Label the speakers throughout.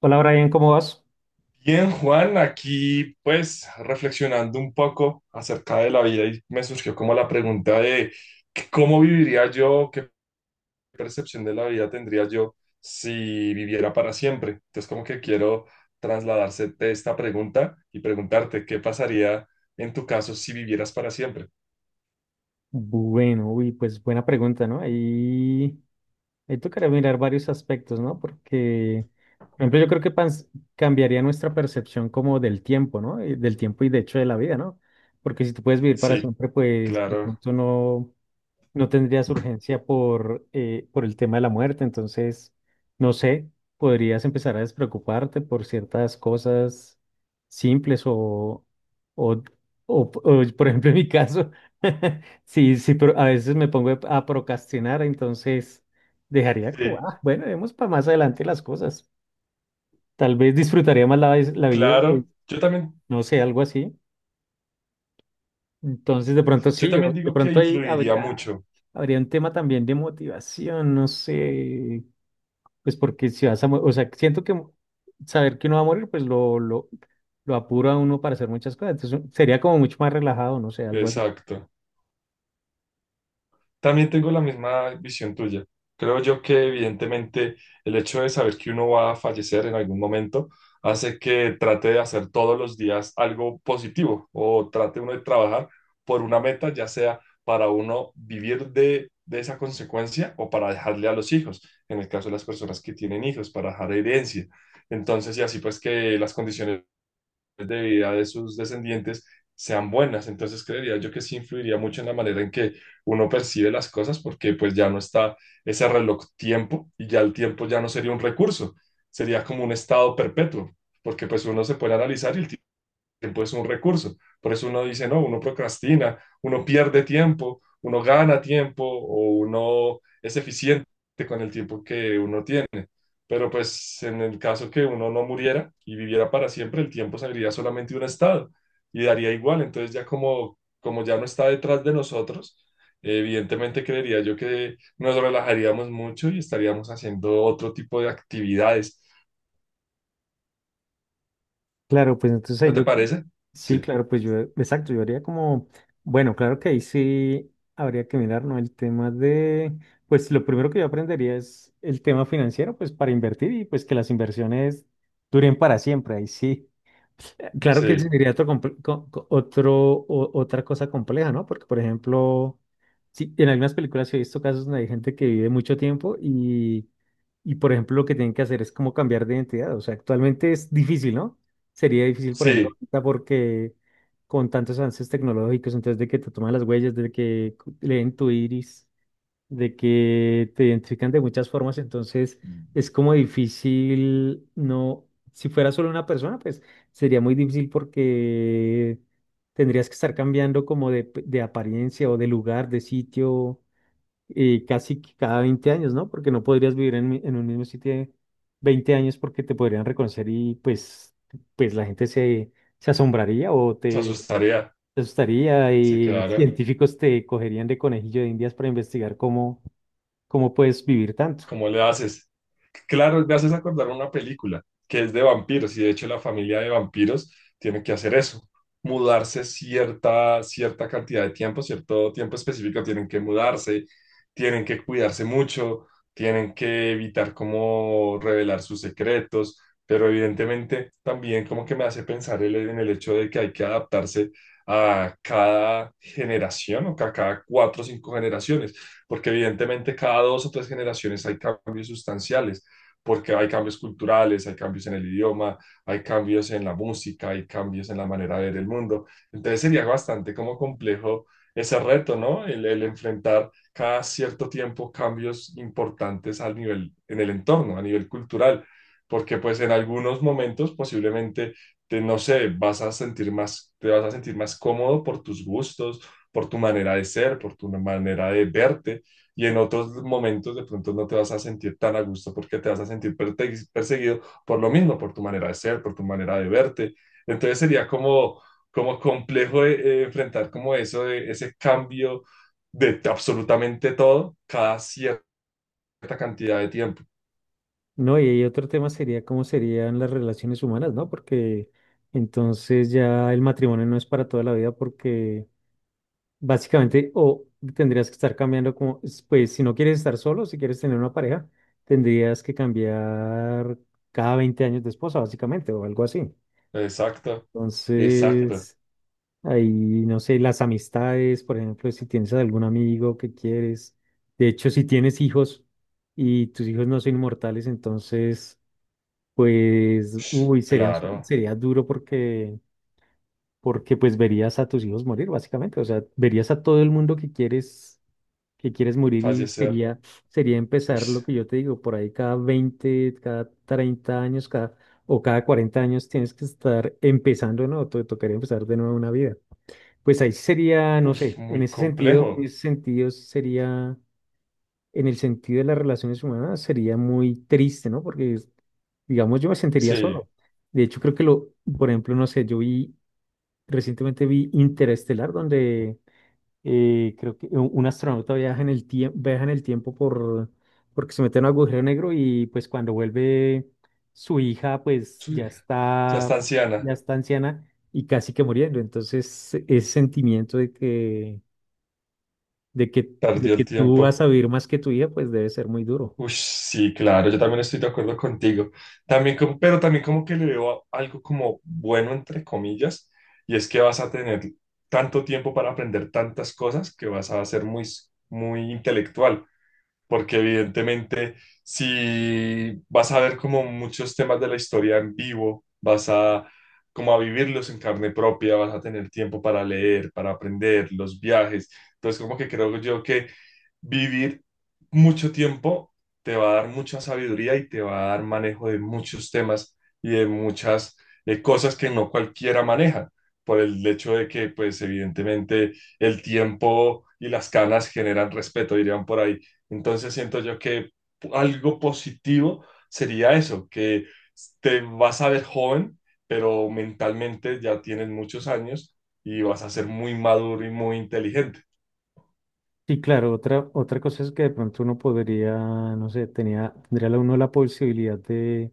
Speaker 1: Hola Brian, ¿cómo vas?
Speaker 2: Bien, Juan, aquí pues reflexionando un poco acerca de la vida y me surgió como la pregunta de que cómo viviría yo, qué percepción de la vida tendría yo si viviera para siempre. Entonces como que quiero trasladarse de esta pregunta y preguntarte qué pasaría en tu caso si vivieras para siempre.
Speaker 1: Bueno, uy, pues buena pregunta, ¿no? Ahí tocaría mirar varios aspectos, ¿no? Porque, por ejemplo, yo creo que cambiaría nuestra percepción como del tiempo, ¿no? Y del tiempo y de hecho de la vida, ¿no? Porque si tú puedes vivir para
Speaker 2: Sí,
Speaker 1: siempre, pues de
Speaker 2: claro,
Speaker 1: pronto no, no tendrías urgencia por el tema de la muerte, entonces, no sé, podrías empezar a despreocuparte por ciertas cosas simples o, o, o por ejemplo, en mi caso, sí, sí, pero a veces me pongo a procrastinar, entonces dejaría como,
Speaker 2: sí,
Speaker 1: "Ah, bueno, vemos para más adelante las cosas". Tal vez disfrutaría más la vida, pues,
Speaker 2: claro.
Speaker 1: no sé, algo así. Entonces, de pronto
Speaker 2: Yo
Speaker 1: sí,
Speaker 2: también
Speaker 1: de
Speaker 2: digo que
Speaker 1: pronto ahí
Speaker 2: influiría
Speaker 1: habría,
Speaker 2: mucho.
Speaker 1: habría un tema también de motivación, no sé, pues porque si vas a, o sea, siento que saber que uno va a morir, pues lo apura a uno para hacer muchas cosas, entonces sería como mucho más relajado, no sé, algo así.
Speaker 2: Exacto. También tengo la misma visión tuya. Creo yo que evidentemente el hecho de saber que uno va a fallecer en algún momento hace que trate de hacer todos los días algo positivo o trate uno de trabajar por una meta, ya sea para uno vivir de esa consecuencia o para dejarle a los hijos, en el caso de las personas que tienen hijos, para dejar herencia. Entonces, y así pues que las condiciones de vida de sus descendientes sean buenas. Entonces creería yo que sí influiría mucho en la manera en que uno percibe las cosas porque pues ya no está ese reloj tiempo y ya el tiempo ya no sería un recurso, sería como un estado perpetuo, porque pues uno se puede analizar y el tiempo es un recurso. Por eso uno dice, no, uno procrastina, uno pierde tiempo, uno gana tiempo o uno es eficiente con el tiempo que uno tiene. Pero pues en el caso que uno no muriera y viviera para siempre, el tiempo sería solamente un estado y daría igual. Entonces ya como, como ya no está detrás de nosotros, evidentemente creería yo que nos relajaríamos mucho y estaríamos haciendo otro tipo de actividades.
Speaker 1: Claro, pues entonces ahí
Speaker 2: ¿No te
Speaker 1: yo.
Speaker 2: parece?
Speaker 1: Sí,
Speaker 2: Sí,
Speaker 1: claro, pues yo, exacto, yo haría como, bueno, claro que ahí sí habría que mirar, ¿no? El tema de, pues lo primero que yo aprendería es el tema financiero, pues para invertir y pues que las inversiones duren para siempre, ahí sí. Claro que ese
Speaker 2: sí,
Speaker 1: sería otro, otro, otra cosa compleja, ¿no? Porque, por ejemplo, sí, en algunas películas sí he visto casos donde hay gente que vive mucho tiempo y, por ejemplo, lo que tienen que hacer es como cambiar de identidad. O sea, actualmente es difícil, ¿no? Sería difícil, por ejemplo,
Speaker 2: sí,
Speaker 1: porque con tantos avances tecnológicos, entonces de que te toman las huellas, de que leen tu iris, de que te identifican de muchas formas, entonces es como difícil, no, si fuera solo una persona, pues sería muy difícil porque tendrías que estar cambiando como de, de apariencia o de lugar, de sitio. Y casi que cada 20 años, ¿no? Porque no podrías vivir en, en un mismo sitio 20 años porque te podrían reconocer y pues, pues la gente se asombraría o
Speaker 2: se
Speaker 1: te,
Speaker 2: asustaría.
Speaker 1: te asustaría
Speaker 2: Sí,
Speaker 1: y
Speaker 2: claro.
Speaker 1: científicos te cogerían de conejillo de indias para investigar cómo, cómo puedes vivir tanto,
Speaker 2: ¿Cómo le haces? Claro, me haces acordar una película que es de vampiros y de hecho la familia de vampiros tiene que hacer eso, mudarse cierta, cierta cantidad de tiempo, cierto tiempo específico, tienen que mudarse, tienen que cuidarse mucho, tienen que evitar como revelar sus secretos, pero evidentemente también como que me hace pensar en el hecho de que hay que adaptarse a cada generación o que a cada cuatro o cinco generaciones porque evidentemente cada dos o tres generaciones hay cambios sustanciales, porque hay cambios culturales, hay cambios en el idioma, hay cambios en la música, hay cambios en la manera de ver el mundo. Entonces sería bastante como complejo ese reto, ¿no? El enfrentar cada cierto tiempo cambios importantes al nivel, en el entorno, a nivel cultural, porque pues en algunos momentos posiblemente te, no sé, vas a sentir más, te vas a sentir más cómodo por tus gustos, por tu manera de ser, por tu manera de verte, y en otros momentos de pronto no te vas a sentir tan a gusto porque te vas a sentir perseguido por lo mismo, por tu manera de ser, por tu manera de verte. Entonces sería como, como complejo enfrentar como eso, ese cambio de absolutamente todo cada cierta cantidad de tiempo.
Speaker 1: ¿no? Y, ahí otro tema sería cómo serían las relaciones humanas, ¿no? Porque entonces ya el matrimonio no es para toda la vida porque. Básicamente, o tendrías que estar cambiando como, pues si no quieres estar solo, si quieres tener una pareja, tendrías que cambiar cada 20 años de esposa, básicamente, o algo así.
Speaker 2: Exacto, exacto,
Speaker 1: Entonces, ahí, no sé, las amistades, por ejemplo, si tienes algún amigo que quieres, de hecho, si tienes hijos y tus hijos no son inmortales, entonces, pues, uy, serían,
Speaker 2: claro,
Speaker 1: sería duro porque, porque pues verías a tus hijos morir, básicamente, o sea, verías a todo el mundo que quieres morir y
Speaker 2: fallecer.
Speaker 1: sería, sería
Speaker 2: Uy,
Speaker 1: empezar lo que yo te digo, por ahí cada 20 cada 30 años, cada, o cada 40 años tienes que estar empezando, ¿no? Te tocaría empezar de nuevo una vida. Pues ahí sería, no
Speaker 2: uy,
Speaker 1: sé, en
Speaker 2: muy
Speaker 1: ese sentido,
Speaker 2: complejo.
Speaker 1: en el sentido de las relaciones humanas, sería muy triste, ¿no? Porque, digamos, yo me sentiría
Speaker 2: Sí,
Speaker 1: solo. De hecho, creo que lo, por ejemplo, no sé, recientemente vi Interestelar, donde creo que un astronauta viaja en el tiempo, viaja en el tiempo por, porque se mete en un agujero negro y pues cuando vuelve su hija pues
Speaker 2: sí, ya está
Speaker 1: ya
Speaker 2: anciana,
Speaker 1: está anciana y casi que muriendo. Entonces ese sentimiento de que, de
Speaker 2: perdió
Speaker 1: que
Speaker 2: el
Speaker 1: tú vas
Speaker 2: tiempo.
Speaker 1: a vivir más que tu hija pues debe ser muy duro.
Speaker 2: Ush, sí, claro, yo también estoy de acuerdo contigo. También pero también como que le veo algo como bueno, entre comillas, y es que vas a tener tanto tiempo para aprender tantas cosas que vas a ser muy, muy intelectual porque evidentemente si vas a ver como muchos temas de la historia en vivo, vas a como a vivirlos en carne propia, vas a tener tiempo para leer, para aprender, los viajes. Entonces, como que creo yo que vivir mucho tiempo te va a dar mucha sabiduría y te va a dar manejo de muchos temas y de muchas cosas que no cualquiera maneja, por el hecho de que, pues, evidentemente el tiempo y las canas generan respeto, dirían por ahí. Entonces siento yo que algo positivo sería eso, que te vas a ver joven, pero mentalmente ya tienes muchos años y vas a ser muy maduro y muy inteligente.
Speaker 1: Sí, claro, otra, otra cosa es que de pronto uno podría, no sé, tendría uno la posibilidad de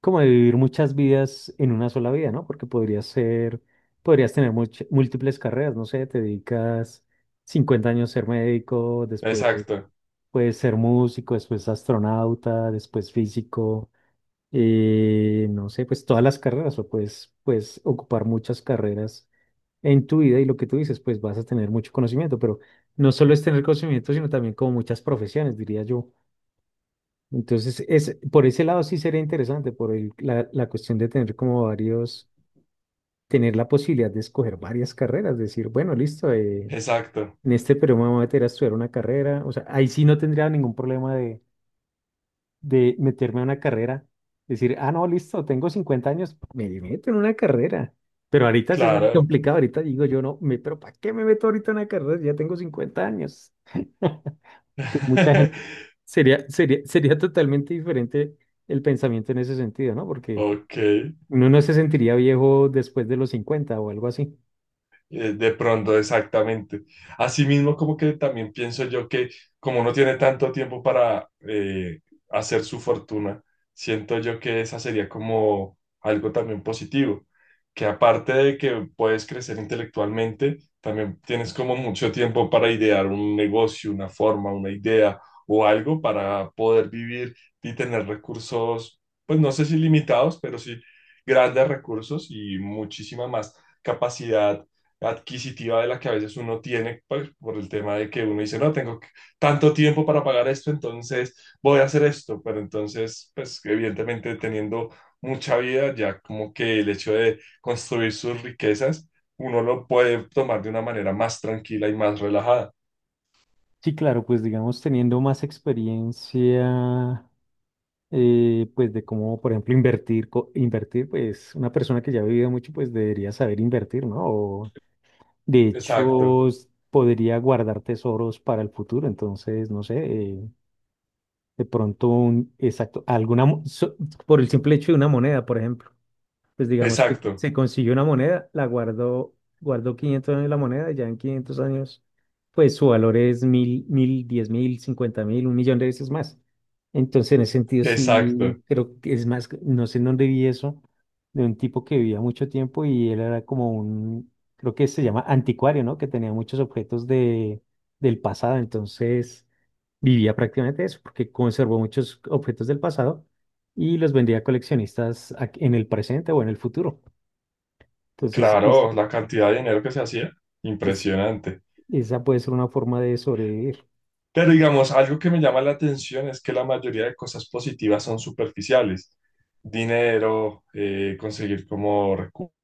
Speaker 1: como de vivir muchas vidas en una sola vida, ¿no? Porque podrías ser, podrías tener múltiples carreras, no sé, te dedicas 50 años a ser médico, después
Speaker 2: Exacto,
Speaker 1: puedes ser músico, después astronauta, después físico, no sé, pues todas las carreras, o puedes, puedes ocupar muchas carreras en tu vida y lo que tú dices, pues vas a tener mucho conocimiento, pero no solo es tener conocimiento, sino también como muchas profesiones, diría yo. Entonces, es, por ese lado sí sería interesante, por la cuestión de tener como varios, tener la posibilidad de escoger varias carreras, decir, bueno, listo,
Speaker 2: exacto,
Speaker 1: en este periodo me voy a meter a estudiar una carrera, o sea, ahí sí no tendría ningún problema de meterme a una carrera, decir, ah, no, listo, tengo 50 años, me meto en una carrera, pero ahorita sí es más
Speaker 2: claro.
Speaker 1: complicado, ahorita digo yo, no, me, pero ¿para qué me meto ahorita en una carrera? Si ya tengo 50 años. Mucha gente. Sería totalmente diferente el pensamiento en ese sentido, ¿no? Porque
Speaker 2: Ok.
Speaker 1: uno no se sentiría viejo después de los 50 o algo así.
Speaker 2: De pronto, exactamente. Asimismo, como que también pienso yo que como no tiene tanto tiempo para hacer su fortuna, siento yo que esa sería como algo también positivo, que aparte de que puedes crecer intelectualmente, también tienes como mucho tiempo para idear un negocio, una forma, una idea o algo para poder vivir y tener recursos, pues no sé si limitados, pero sí grandes recursos y muchísima más capacidad adquisitiva de la que a veces uno tiene pues, por el tema de que uno dice, no, tanto tiempo para pagar esto, entonces voy a hacer esto, pero entonces, pues evidentemente teniendo mucha vida, ya como que el hecho de construir sus riquezas, uno lo puede tomar de una manera más tranquila y más relajada.
Speaker 1: Sí, claro, pues digamos teniendo más experiencia, pues de cómo, por ejemplo, invertir, invertir, pues una persona que ya ha vivido mucho, pues debería saber invertir, ¿no? O, de
Speaker 2: Exacto,
Speaker 1: hecho, podría guardar tesoros para el futuro, entonces, no sé, de pronto un, exacto, alguna, por el simple hecho de una moneda, por ejemplo. Pues digamos que
Speaker 2: exacto,
Speaker 1: se consiguió una moneda, la guardó, guardó 500 años la moneda, y ya en 500 años, pues su valor es 1000, 1000, 10.000, 50.000, un millón de veces más. Entonces, en ese sentido,
Speaker 2: exacto.
Speaker 1: sí, creo que es más, no sé en dónde vi eso, de un tipo que vivía mucho tiempo y él era como un, creo que se llama anticuario, ¿no? Que tenía muchos objetos de, del pasado. Entonces, vivía prácticamente de eso, porque conservó muchos objetos del pasado y los vendía a coleccionistas en el presente o en el futuro. Entonces,
Speaker 2: Claro, la cantidad de dinero que se hacía,
Speaker 1: es-
Speaker 2: impresionante.
Speaker 1: esa puede ser una forma de sobrevivir.
Speaker 2: Pero digamos, algo que me llama la atención es que la mayoría de cosas positivas son superficiales. Dinero, conseguir como recursos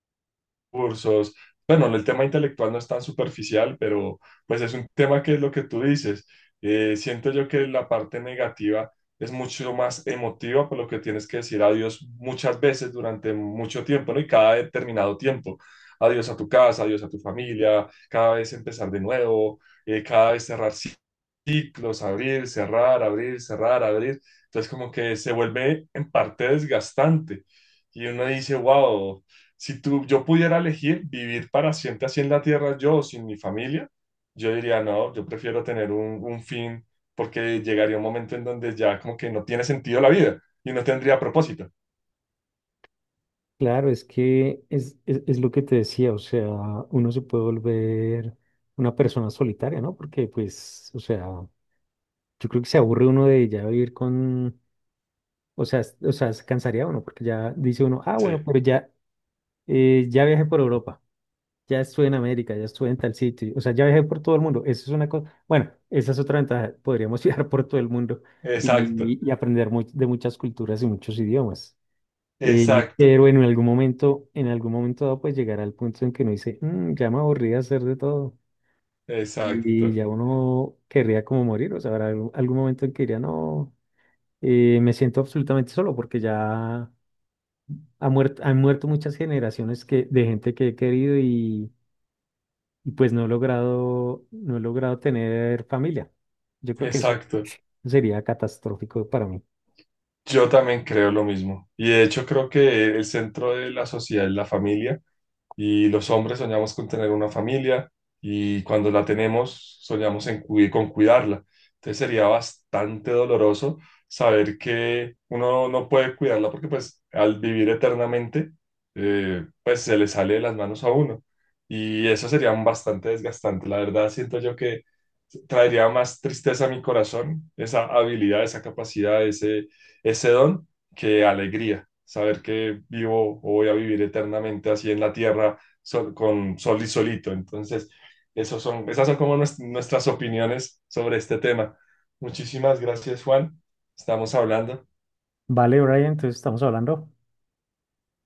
Speaker 2: cursos. Bueno, el tema intelectual no es tan superficial, pero pues es un tema que es lo que tú dices. Siento yo que la parte negativa es mucho más emotiva, por lo que tienes que decir adiós muchas veces durante mucho tiempo, ¿no? Y cada determinado tiempo. Adiós a tu casa, adiós a tu familia, cada vez empezar de nuevo, cada vez cerrar ciclos, abrir, cerrar, abrir, cerrar, abrir. Entonces como que se vuelve en parte desgastante. Y uno dice, wow. Si tú, yo pudiera elegir vivir para siempre así en la tierra, yo o sin mi familia, yo diría, no, yo prefiero tener un fin porque llegaría un momento en donde ya como que no tiene sentido la vida y no tendría propósito.
Speaker 1: Claro, es que es lo que te decía, o sea, uno se puede volver una persona solitaria, ¿no? Porque, pues, o sea, yo creo que se aburre uno de ya vivir con, o sea, se cansaría uno, porque ya dice uno, ah, bueno,
Speaker 2: Sí,
Speaker 1: pero ya, ya viajé por Europa. Ya estuve en América, ya estuve en tal sitio. O sea, ya viajé por todo el mundo. Eso es una cosa. Bueno, esa es otra ventaja. Podríamos viajar por todo el mundo
Speaker 2: exacto,
Speaker 1: y aprender de muchas culturas y muchos idiomas. Pero
Speaker 2: exacto,
Speaker 1: en algún momento dado, pues llegará el punto en que uno dice, "Mm, ya me aburrí de hacer de todo". Y
Speaker 2: exacto,
Speaker 1: ya uno querría como morir. O sea, habrá algún, algún momento en que diría, no, me siento absolutamente solo porque ya han muerto muchas generaciones que, de gente que he querido y pues no he logrado tener familia. Yo creo que eso
Speaker 2: exacto.
Speaker 1: sería catastrófico para mí.
Speaker 2: Yo también creo lo mismo. Y de hecho creo que el centro de la sociedad es la familia y los hombres soñamos con tener una familia y cuando la tenemos soñamos en con cuidarla. Entonces sería bastante doloroso saber que uno no puede cuidarla porque pues al vivir eternamente pues se le sale de las manos a uno y eso sería bastante desgastante. La verdad siento yo que traería más tristeza a mi corazón esa habilidad, esa capacidad, ese don que alegría saber que vivo o voy a vivir eternamente así en la tierra con sol y solito. Entonces, esos son, esas son como nuestras opiniones sobre este tema. Muchísimas gracias, Juan. Estamos hablando.
Speaker 1: Vale, Brian, entonces estamos hablando.